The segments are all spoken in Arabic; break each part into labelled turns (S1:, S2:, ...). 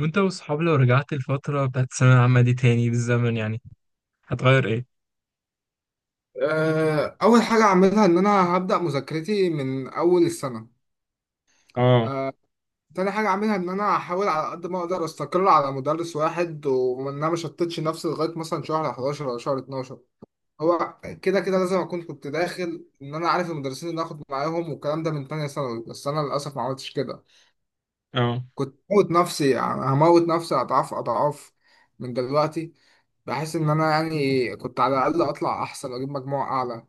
S1: وانت واصحاب لو رجعت الفترة بتاعت الثانوية العامة دي تاني بالزمن يعني هتغير ايه؟
S2: آه، أول حاجة أعملها إن أنا هبدأ مذاكرتي من أول السنة.
S1: اه
S2: آه، تاني حاجة أعملها إن أنا أحاول على قد ما أقدر أستقر على مدرس واحد، وإن أنا مشتتش نفسي لغاية مثلا شهر 11 ولا شهر 12. هو كده كده لازم أكون كنت داخل إن أنا عارف المدرسين اللي هاخد معاهم والكلام ده من تانية ثانوي، بس أنا للأسف ما عملتش كده.
S1: اه.
S2: كنت هموت نفسي، يعني هموت نفسي أضعاف أضعاف من دلوقتي، بحيث إن أنا يعني كنت على الأقل أطلع أحسن وأجيب مجموع أعلى.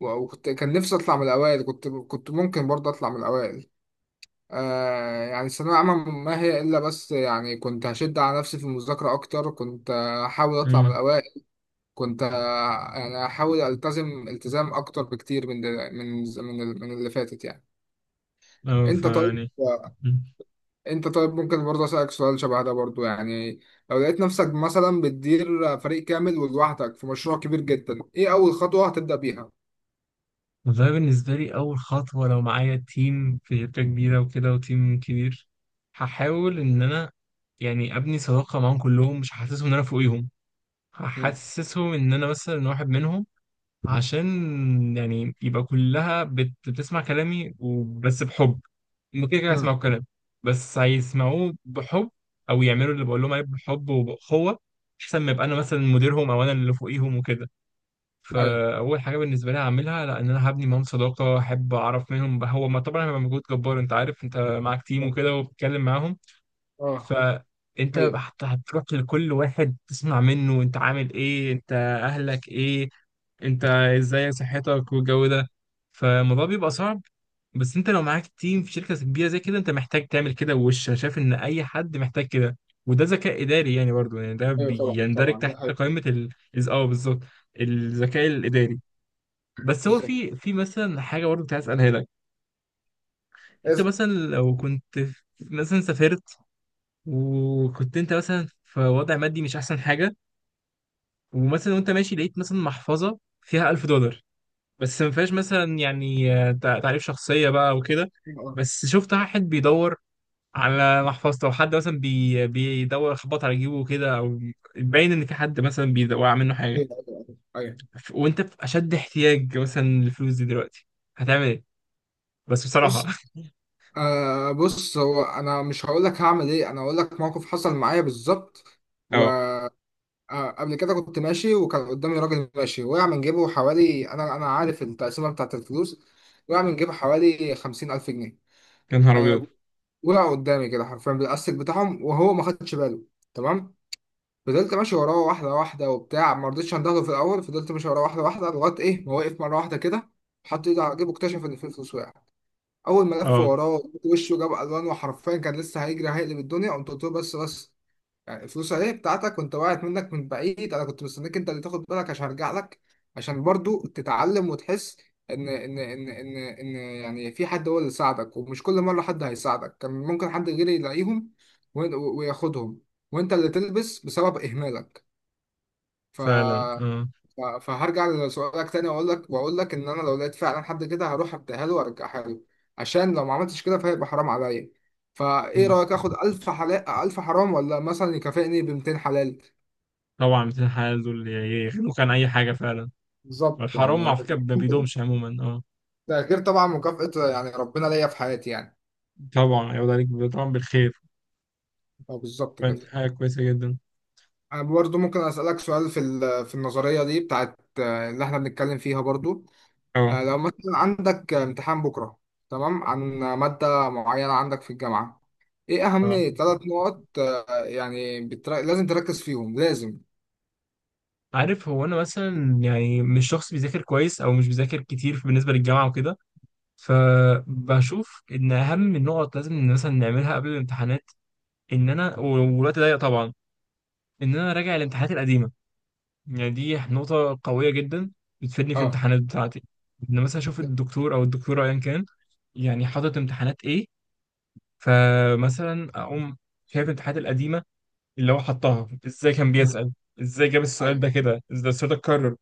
S2: وكنت كان نفسي اطلع من الاوائل، كنت ممكن برضه اطلع من الاوائل. يعني الثانويه العامه ما هي الا، بس يعني كنت هشد على نفسي في المذاكره اكتر، كنت هحاول اطلع من
S1: امم.
S2: الاوائل. يعني هحاول التزم التزام اكتر بكتير من دل- من من ال- من اللي فاتت يعني.
S1: اه،
S2: انت طيب؟
S1: فيعني. مم.
S2: انت طيب، ممكن برضه اسالك سؤال شبه ده برضه؟ يعني لو لقيت نفسك مثلا بتدير فريق كامل ولوحدك في مشروع كبير جدا، ايه اول خطوه هتبدا بيها؟
S1: والله بالنسبة لي أول خطوة لو معايا تيم في شركة كبيرة وكده وتيم كبير، هحاول إن أنا يعني أبني صداقة معاهم كلهم، مش هحسسهم إن أنا فوقيهم،
S2: مم.
S1: هحسسهم إن أنا مثلا واحد منهم، عشان يعني يبقى كلها بتسمع كلامي وبس بحب. هم كده كده هيسمعوا
S2: مم.
S1: كلامي بس هيسمعوه بحب، او يعملوا اللي بقول لهم عليه بحب وبأخوة، احسن ما يبقى انا مثلا مديرهم او انا اللي فوقيهم وكده.
S2: ايوه.
S1: فاول حاجه بالنسبه لي هعملها، لا، ان انا هبني معاهم صداقه، احب اعرف منهم هو، ما طبعا هيبقى مجهود جبار، انت عارف انت معاك تيم وكده وبتتكلم معاهم.
S2: اه،
S1: فانت
S2: هي،
S1: هتروح لكل واحد تسمع منه انت عامل ايه، انت اهلك ايه، انت ازاي، صحتك والجو ده، فالموضوع بيبقى صعب. بس انت لو معاك تيم في شركة كبيرة زي كده، انت محتاج تعمل كده، وش انا شايف ان اي حد محتاج كده. وده ذكاء اداري يعني، برضو يعني ده
S2: ايوه طبعا
S1: بيندرج
S2: طبعا، ده
S1: تحت
S2: حقيقي.
S1: قائمة ال بالظبط، الذكاء الاداري. بس هو
S2: بالظبط.
S1: في مثلا حاجة برضو كنت عايز اسالها لك. انت
S2: إز-
S1: مثلا لو كنت مثلا سافرت، وكنت انت مثلا في وضع مادي مش احسن حاجه، ومثلا وانت ماشي لقيت مثلا محفظه فيها 1000 دولار، بس ما فيهاش مثلا يعني تعريف شخصيه بقى وكده،
S2: اه،
S1: بس شفت واحد بيدور على محفظته، او حد مثلا بيدور خبط على جيبه كده، او باين ان في حد مثلا بيوقع منه حاجه،
S2: ايوه ايوه ايوه أيوة.
S1: وانت في اشد احتياج مثلا للفلوس دي دلوقتي، هتعمل ايه؟ بس بصراحه
S2: بص. آه، بص، هو انا مش هقول لك هعمل ايه، انا هقول لك موقف حصل معايا بالظبط.
S1: اه.
S2: وقبل كده كنت ماشي وكان قدامي راجل ماشي، وقع من جيبه حوالي، انا عارف التقسيمه بتاعت الفلوس، وقع من جيبه حوالي 50,000 جنيه.
S1: يا نهار ابيض.
S2: آه. وقع قدامي كده حرفيا بالاستك بتاعهم، وهو ما خدش باله. تمام. فضلت ماشي وراه واحدة واحدة وبتاع، ما رضيتش اندهله في الأول. فضلت ماشي وراه واحدة واحدة لغاية إيه ما وقف مرة واحدة كده، حط إيده على جيبه اكتشف إن في فلوس وقعت. أول ما لف
S1: اه
S2: وراه وشه جاب ألوان، وحرفيا كان لسه هيجري هيقلب الدنيا، قمت قلت له: بس بس، يعني الفلوس أهي بتاعتك، وأنت وقعت منك من بعيد، أنا كنت مستنيك أنت اللي تاخد بالك عشان أرجع لك، عشان برضو تتعلم وتحس إن يعني في حد هو اللي ساعدك، ومش كل مرة حد هيساعدك. كان ممكن حد غيري يلاقيهم وياخدهم، وأنت اللي تلبس بسبب إهمالك. ف...
S1: فعلا. اه.
S2: ف... فهرجع لسؤالك تاني، واقول لك، ان انا لو لقيت فعلا حد كده هروح اديها له وارجعها له، عشان لو ما عملتش كده فهيبقى حرام عليا. فايه
S1: مم.
S2: رايك، اخد 1000 حلال، 1000 حرام، ولا مثلا يكافئني ب 200 حلال؟
S1: طبعا مثل الحال دول يغنوك عن اي حاجه فعلا.
S2: بالظبط
S1: الحرام
S2: يعني.
S1: على فكرة ما بيدومش عموما. اه
S2: ده غير طبعا مكافأة يعني ربنا ليا في حياتي يعني.
S1: طبعا يعود عليك، طبعا بالخير،
S2: اه، بالظبط كده.
S1: فدي حاجة كويسة جدا.
S2: انا برضو ممكن اسالك سؤال في النظريه دي بتاعت اللي احنا بنتكلم فيها برضو.
S1: اه.
S2: لو مثلا عندك امتحان بكرة، تمام، عن مادة معينة عندك في الجامعة، ايه اهم
S1: اه
S2: ثلاث نقط يعني لازم تركز فيهم لازم؟
S1: عارف، هو انا مثلا يعني مش شخص بيذاكر كويس او مش بيذاكر كتير بالنسبة للجامعة وكده، فبشوف ان اهم النقط لازم مثلا نعملها قبل الامتحانات، ان انا والوقت ضيق طبعا، ان انا راجع الامتحانات القديمة. يعني دي نقطة قوية جدا، بتفيدني في
S2: اه.
S1: الامتحانات بتاعتي. ان مثلا اشوف
S2: ده-
S1: الدكتور او الدكتورة ايا كان يعني حاطط امتحانات ايه، فمثلا اقوم شايف الامتحانات القديمه اللي هو حطها ازاي، كان
S2: مم.
S1: بيسال ازاي، جاب السؤال
S2: ايوه،
S1: ده كده ازاي، ده السؤال ده اتكرر.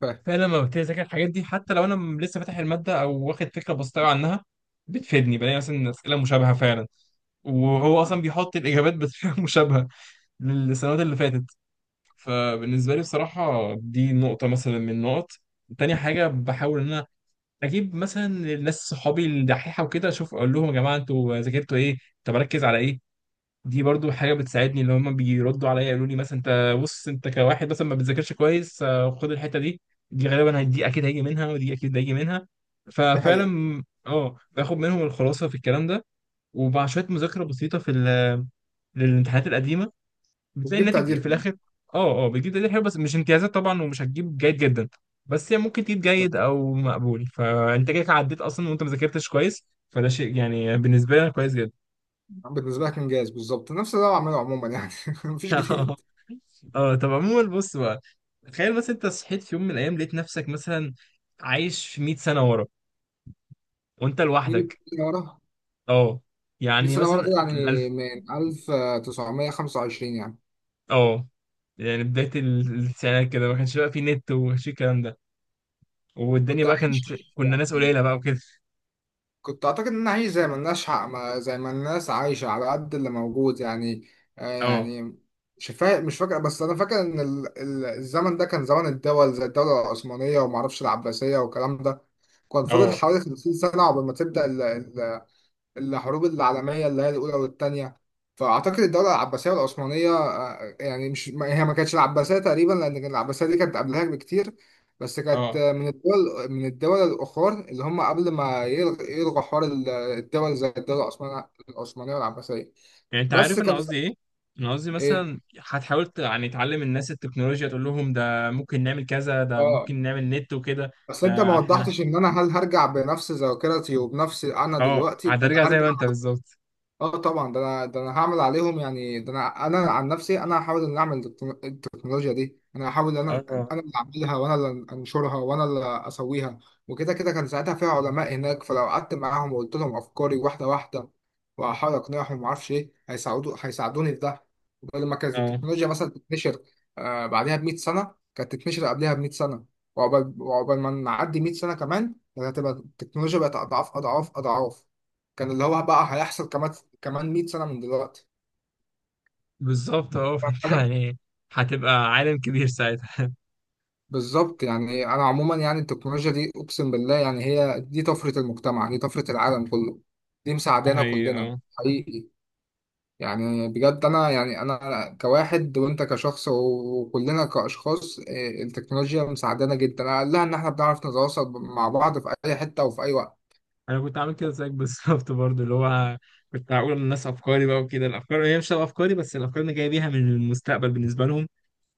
S2: فاهم.
S1: فلما ببتدي اذاكر الحاجات دي، حتى لو انا لسه فاتح الماده او واخد فكره بسيطه أوي عنها، بتفيدني، بلاقي مثلا اسئله مشابهه فعلا، وهو اصلا
S2: آه.
S1: بيحط الاجابات بطريقه مشابهه للسنوات اللي فاتت. فبالنسبه لي بصراحه دي نقطه مثلا من النقط. تاني حاجه بحاول ان انا اجيب مثلا الناس صحابي الدحيحه وكده، اشوف اقول لهم يا جماعه انتوا ذاكرتوا ايه، طب اركز على ايه، دي برضو حاجة بتساعدني. اللي هما بيردوا عليا يقولوا لي مثلا انت بص، انت كواحد مثلا ما بتذاكرش كويس، خد الحتة دي، دي غالبا دي اكيد هيجي منها، ودي اكيد هيجي منها.
S2: دي حقيقة.
S1: ففعلا اه باخد منهم الخلاصة في الكلام ده. ومع شوية مذاكرة بسيطة في للامتحانات القديمة، بتلاقي
S2: وتجيب
S1: الناتج
S2: تقدير
S1: في
S2: كمان.
S1: الاخر. اه اه بتجيب تقدير حلو، بس مش امتيازات طبعا، ومش هتجيب جيد جدا، بس هي ممكن تجيب جيد او مقبول، فانت كده عديت اصلا وانت ما ذاكرتش كويس. فده شيء يعني بالنسبة لي انا كويس جدا.
S2: طب، بالنسبة لك انجاز. بالظبط نفس اللي انا بعمله عموما يعني. مفيش
S1: اه.
S2: جديد.
S1: اه طب عموما بص بقى، تخيل مثلا انت صحيت في يوم من الايام لقيت نفسك مثلا عايش في 100 سنه ورا، وانت
S2: نيجي
S1: لوحدك.
S2: سنة ورا.
S1: اه
S2: نيجي
S1: يعني
S2: سنة ورا
S1: مثلا
S2: كده يعني
S1: الالف.
S2: من 1925 يعني.
S1: اه يعني بدايه التسعينات كده، ما كانش بقى في نت، وما كانش في الكلام ده، والدنيا
S2: كنت
S1: بقى
S2: عايش
S1: كانت، كنا ناس
S2: يعني.
S1: قليله بقى وكده.
S2: كنت اعتقد انها هي زي ما الناس حق ما زي ما الناس عايشه على قد اللي موجود يعني. آه
S1: اه.
S2: يعني مش فاكر، بس انا فاكر ان الزمن ده كان زمن الدول زي الدوله العثمانيه، وما اعرفش العباسيه والكلام ده. كان فاضل
S1: اه.
S2: حوالي 50 سنه قبل ما تبدا الحروب العالمية اللي هي الأولى والتانية. فأعتقد الدولة العباسية والعثمانية، يعني مش ما- هي ما كانتش العباسية تقريبا، لأن العباسية دي كانت قبلها بكتير. بس كانت،
S1: اه
S2: من الدول الأخرى اللي هم قبل ما يلغوا حوار الدول زي الدولة العثمانية والعباسية.
S1: يعني انت
S2: بس
S1: عارف انا
S2: كان سا-
S1: قصدي ايه؟ انا قصدي
S2: إيه
S1: مثلا هتحاول يعني تعلم الناس التكنولوجيا، تقول لهم ده ممكن نعمل كذا، ده
S2: آه
S1: ممكن نعمل نت وكده.
S2: بس أنت ما
S1: ده احنا،
S2: وضحتش إن أنا، هل هرجع بنفس ذاكرتي وبنفس أنا
S1: اه
S2: دلوقتي، ولا
S1: هترجع زي
S2: هرجع؟
S1: ما انت بالظبط.
S2: اه طبعا، ده انا، هعمل عليهم يعني، ده انا عن نفسي، انا هحاول ان اعمل التكنولوجيا دي، انا هحاول ان انا،
S1: اه.
S2: اللي اعملها، وانا اللي انشرها، وانا اللي اسويها. وكده كده كان ساعتها فيها علماء هناك، فلو قعدت معاهم وقلت لهم افكاري واحده واحده، واحاول اقنعهم، ومعرفش ايه، هيساعدوني في ده لما كانت
S1: اه
S2: التكنولوجيا مثلا تتنشر. بعدها ب 100 سنه كانت تتنشر، قبلها ب 100 سنه. وعقبال ما نعدي 100 سنه كمان، كانت هتبقى التكنولوجيا بقت اضعاف اضعاف اضعاف. كان اللي هو بقى هيحصل كمان، كمان 100 سنة من دلوقتي.
S1: بالظبط. اه
S2: فاهم
S1: فانت
S2: حاجة؟
S1: يعني هتبقى عالم كبير ساعتها.
S2: بالظبط، يعني أنا عموما يعني التكنولوجيا دي أقسم بالله، يعني هي دي طفرة المجتمع، دي طفرة العالم كله، دي
S1: ده
S2: مساعدانا
S1: حقيقي
S2: كلنا.
S1: اه.
S2: حقيقي. يعني بجد، أنا يعني، أنا كواحد وأنت كشخص وكلنا كأشخاص، إيه، التكنولوجيا مساعدانا جدا، أقلها إن إحنا بنعرف نتواصل مع بعض في أي حتة وفي أي وقت.
S1: انا كنت عامل كده زيك بالظبط برضو، اللي هو كنت هقول للناس افكاري بقى وكده، الافكار هي مش تبقى افكاري بس، الافكار اللي جاي بيها من المستقبل بالنسبه لهم،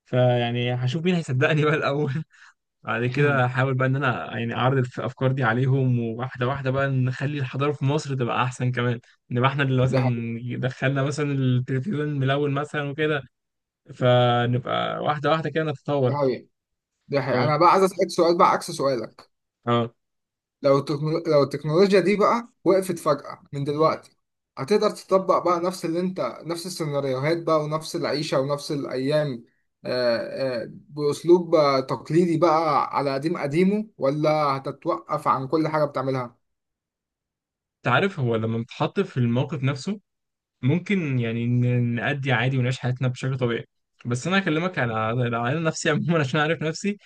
S1: فيعني هشوف مين هيصدقني بقى الاول. بعد كده هحاول بقى ان انا يعني اعرض الافكار دي عليهم، وواحده واحده بقى نخلي الحضاره في مصر تبقى احسن كمان، نبقى احنا اللي
S2: دي حقيقة،
S1: مثلا دخلنا مثلا التلفزيون ملون مثلا وكده، فنبقى واحدة واحدة كده
S2: دي
S1: نتطور.
S2: حقيقة. دي حقيقة
S1: اه.
S2: أنا بقى عايز أسألك سؤال بقى عكس سؤالك.
S1: اه
S2: لو التكنولوجيا دي بقى وقفت فجأة من دلوقتي، هتقدر تطبق بقى نفس اللي انت، نفس السيناريوهات بقى، ونفس العيشة ونفس الأيام، آه، بأسلوب تقليدي بقى على قديم قديمه، ولا هتتوقف عن كل حاجة بتعملها؟
S1: انت عارف، هو لما بنتحط في الموقف نفسه، ممكن يعني نأدي عادي ونعيش حياتنا بشكل طبيعي، بس انا اكلمك على على نفسي عموما عشان اعرف نفسي.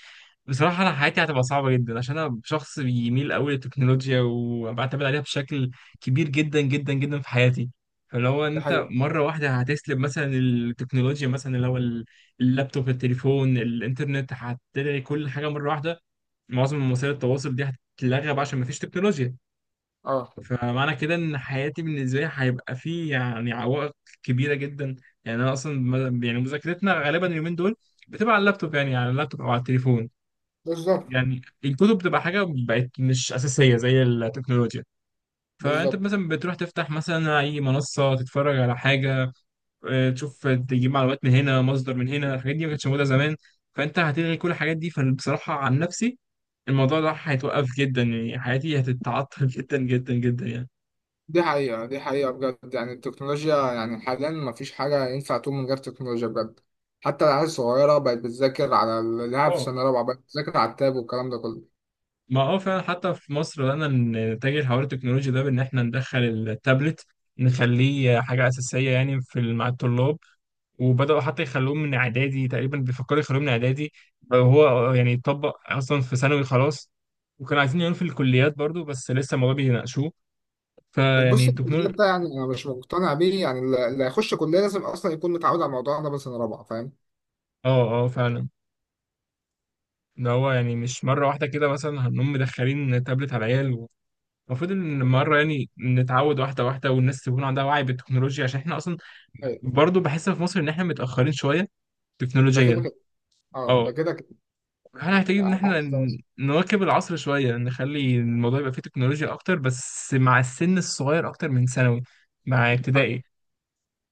S1: بصراحة انا حياتي هتبقى صعبة جدا، عشان انا شخص بيميل قوي للتكنولوجيا وبعتمد عليها بشكل كبير جدا جدا جدا في حياتي. فاللي هو ان
S2: دي
S1: انت
S2: حقيقة.
S1: مرة واحدة هتسلب مثلا التكنولوجيا، مثلا اللي هو اللابتوب، التليفون، الانترنت، هتلاقي كل حاجة مرة واحدة معظم وسائل التواصل دي هتتلغى بقى، عشان مفيش تكنولوجيا.
S2: اه،
S1: فمعنى كده ان حياتي بالنسبه لي هيبقى فيه يعني عوائق كبيره جدا. يعني انا اصلا يعني مذاكرتنا غالبا اليومين دول بتبقى على اللابتوب، يعني على اللابتوب او على التليفون.
S2: بالظبط
S1: يعني الكتب بتبقى حاجه بقت مش اساسيه زي التكنولوجيا، فانت
S2: بالظبط.
S1: مثلا بتروح تفتح مثلا اي منصه تتفرج على حاجه، تشوف، تجيب معلومات من هنا، مصدر من هنا، الحاجات دي ما كانتش موجوده زمان، فانت هتلغي كل الحاجات دي. فبصراحه عن نفسي الموضوع ده هيتوقف جدا، يعني حياتي هتتعطل جدا جدا جدا يعني.
S2: دي حقيقة، دي حقيقة بجد، يعني التكنولوجيا يعني حاليا مفيش حاجة ينفع تقوم من غير تكنولوجيا بجد. حتى العيال الصغيرة بقت بتذاكر، على اللي في
S1: اه.
S2: سنة رابعة بقت بتذاكر على التاب والكلام ده كله.
S1: ما اه فعلا، حتى في مصر بدأنا نتجه لحوار التكنولوجيا ده، بإن إحنا ندخل التابلت، نخليه حاجة أساسية يعني في مع الطلاب، وبدأوا حتى يخلوه من إعدادي، تقريبا بيفكروا يخلوه من إعدادي، وهو يعني يطبق أصلا في ثانوي خلاص، وكانوا عايزين يعملوا في الكليات برضو بس لسه الموضوع بيناقشوه. فيعني
S2: بص،
S1: التكنولوجيا.
S2: الكلام ده يعني انا مش مقتنع بيه، يعني اللي هيخش كليه لازم اصلا يكون متعود على الموضوع ده من سنه رابعه، فاهم.
S1: اه اه فعلا، ده هو يعني مش مرة واحدة كده مثلا هنقوم مدخلين تابلت على العيال، المفروض ان مرة يعني نتعود واحدة واحدة والناس تكون عندها وعي بالتكنولوجيا، عشان احنا اصلا
S2: أيوة.
S1: برضو بحس في مصر ان احنا متأخرين شوية
S2: ده كده
S1: تكنولوجيا.
S2: كده. اه، ده
S1: اه
S2: كده كده.
S1: احنا محتاجين ان
S2: على
S1: احنا
S2: عكس.
S1: نواكب العصر شوية، نخلي الموضوع يبقى فيه تكنولوجيا اكتر، بس مع السن الصغير اكتر من ثانوي، مع
S2: أيوة،
S1: ابتدائي،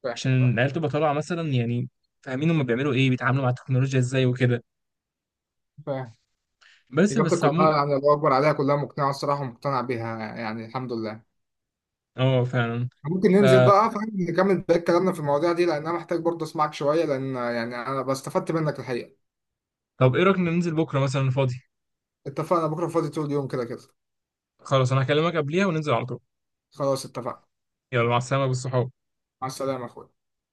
S2: فاهم
S1: عشان
S2: فاهم
S1: العيال تبقى طالعة مثلا يعني فاهمين هما بيعملوا ايه، بيتعاملوا مع التكنولوجيا ازاي وكده.
S2: فاهم.
S1: بس
S2: اجابتك
S1: بس عموما
S2: كلها يعني الله اكبر عليها، كلها مقنعه الصراحه ومقتنع بيها، يعني الحمد لله.
S1: اه فعلا.
S2: ممكن
S1: ف
S2: ننزل بقى فاهم، نكمل بقى كلامنا في المواضيع دي، لان انا محتاج برضه اسمعك شويه، لان يعني انا بستفدت منك الحقيقه.
S1: طب ايه رأيك ننزل بكرة مثلا فاضي؟
S2: اتفقنا، بكره فاضي طول اليوم كده كده.
S1: خلاص، انا هكلمك قبليها وننزل على طول.
S2: خلاص اتفقنا.
S1: يلا مع السلامة بالصحاب.
S2: مع السلامه يا اخويا.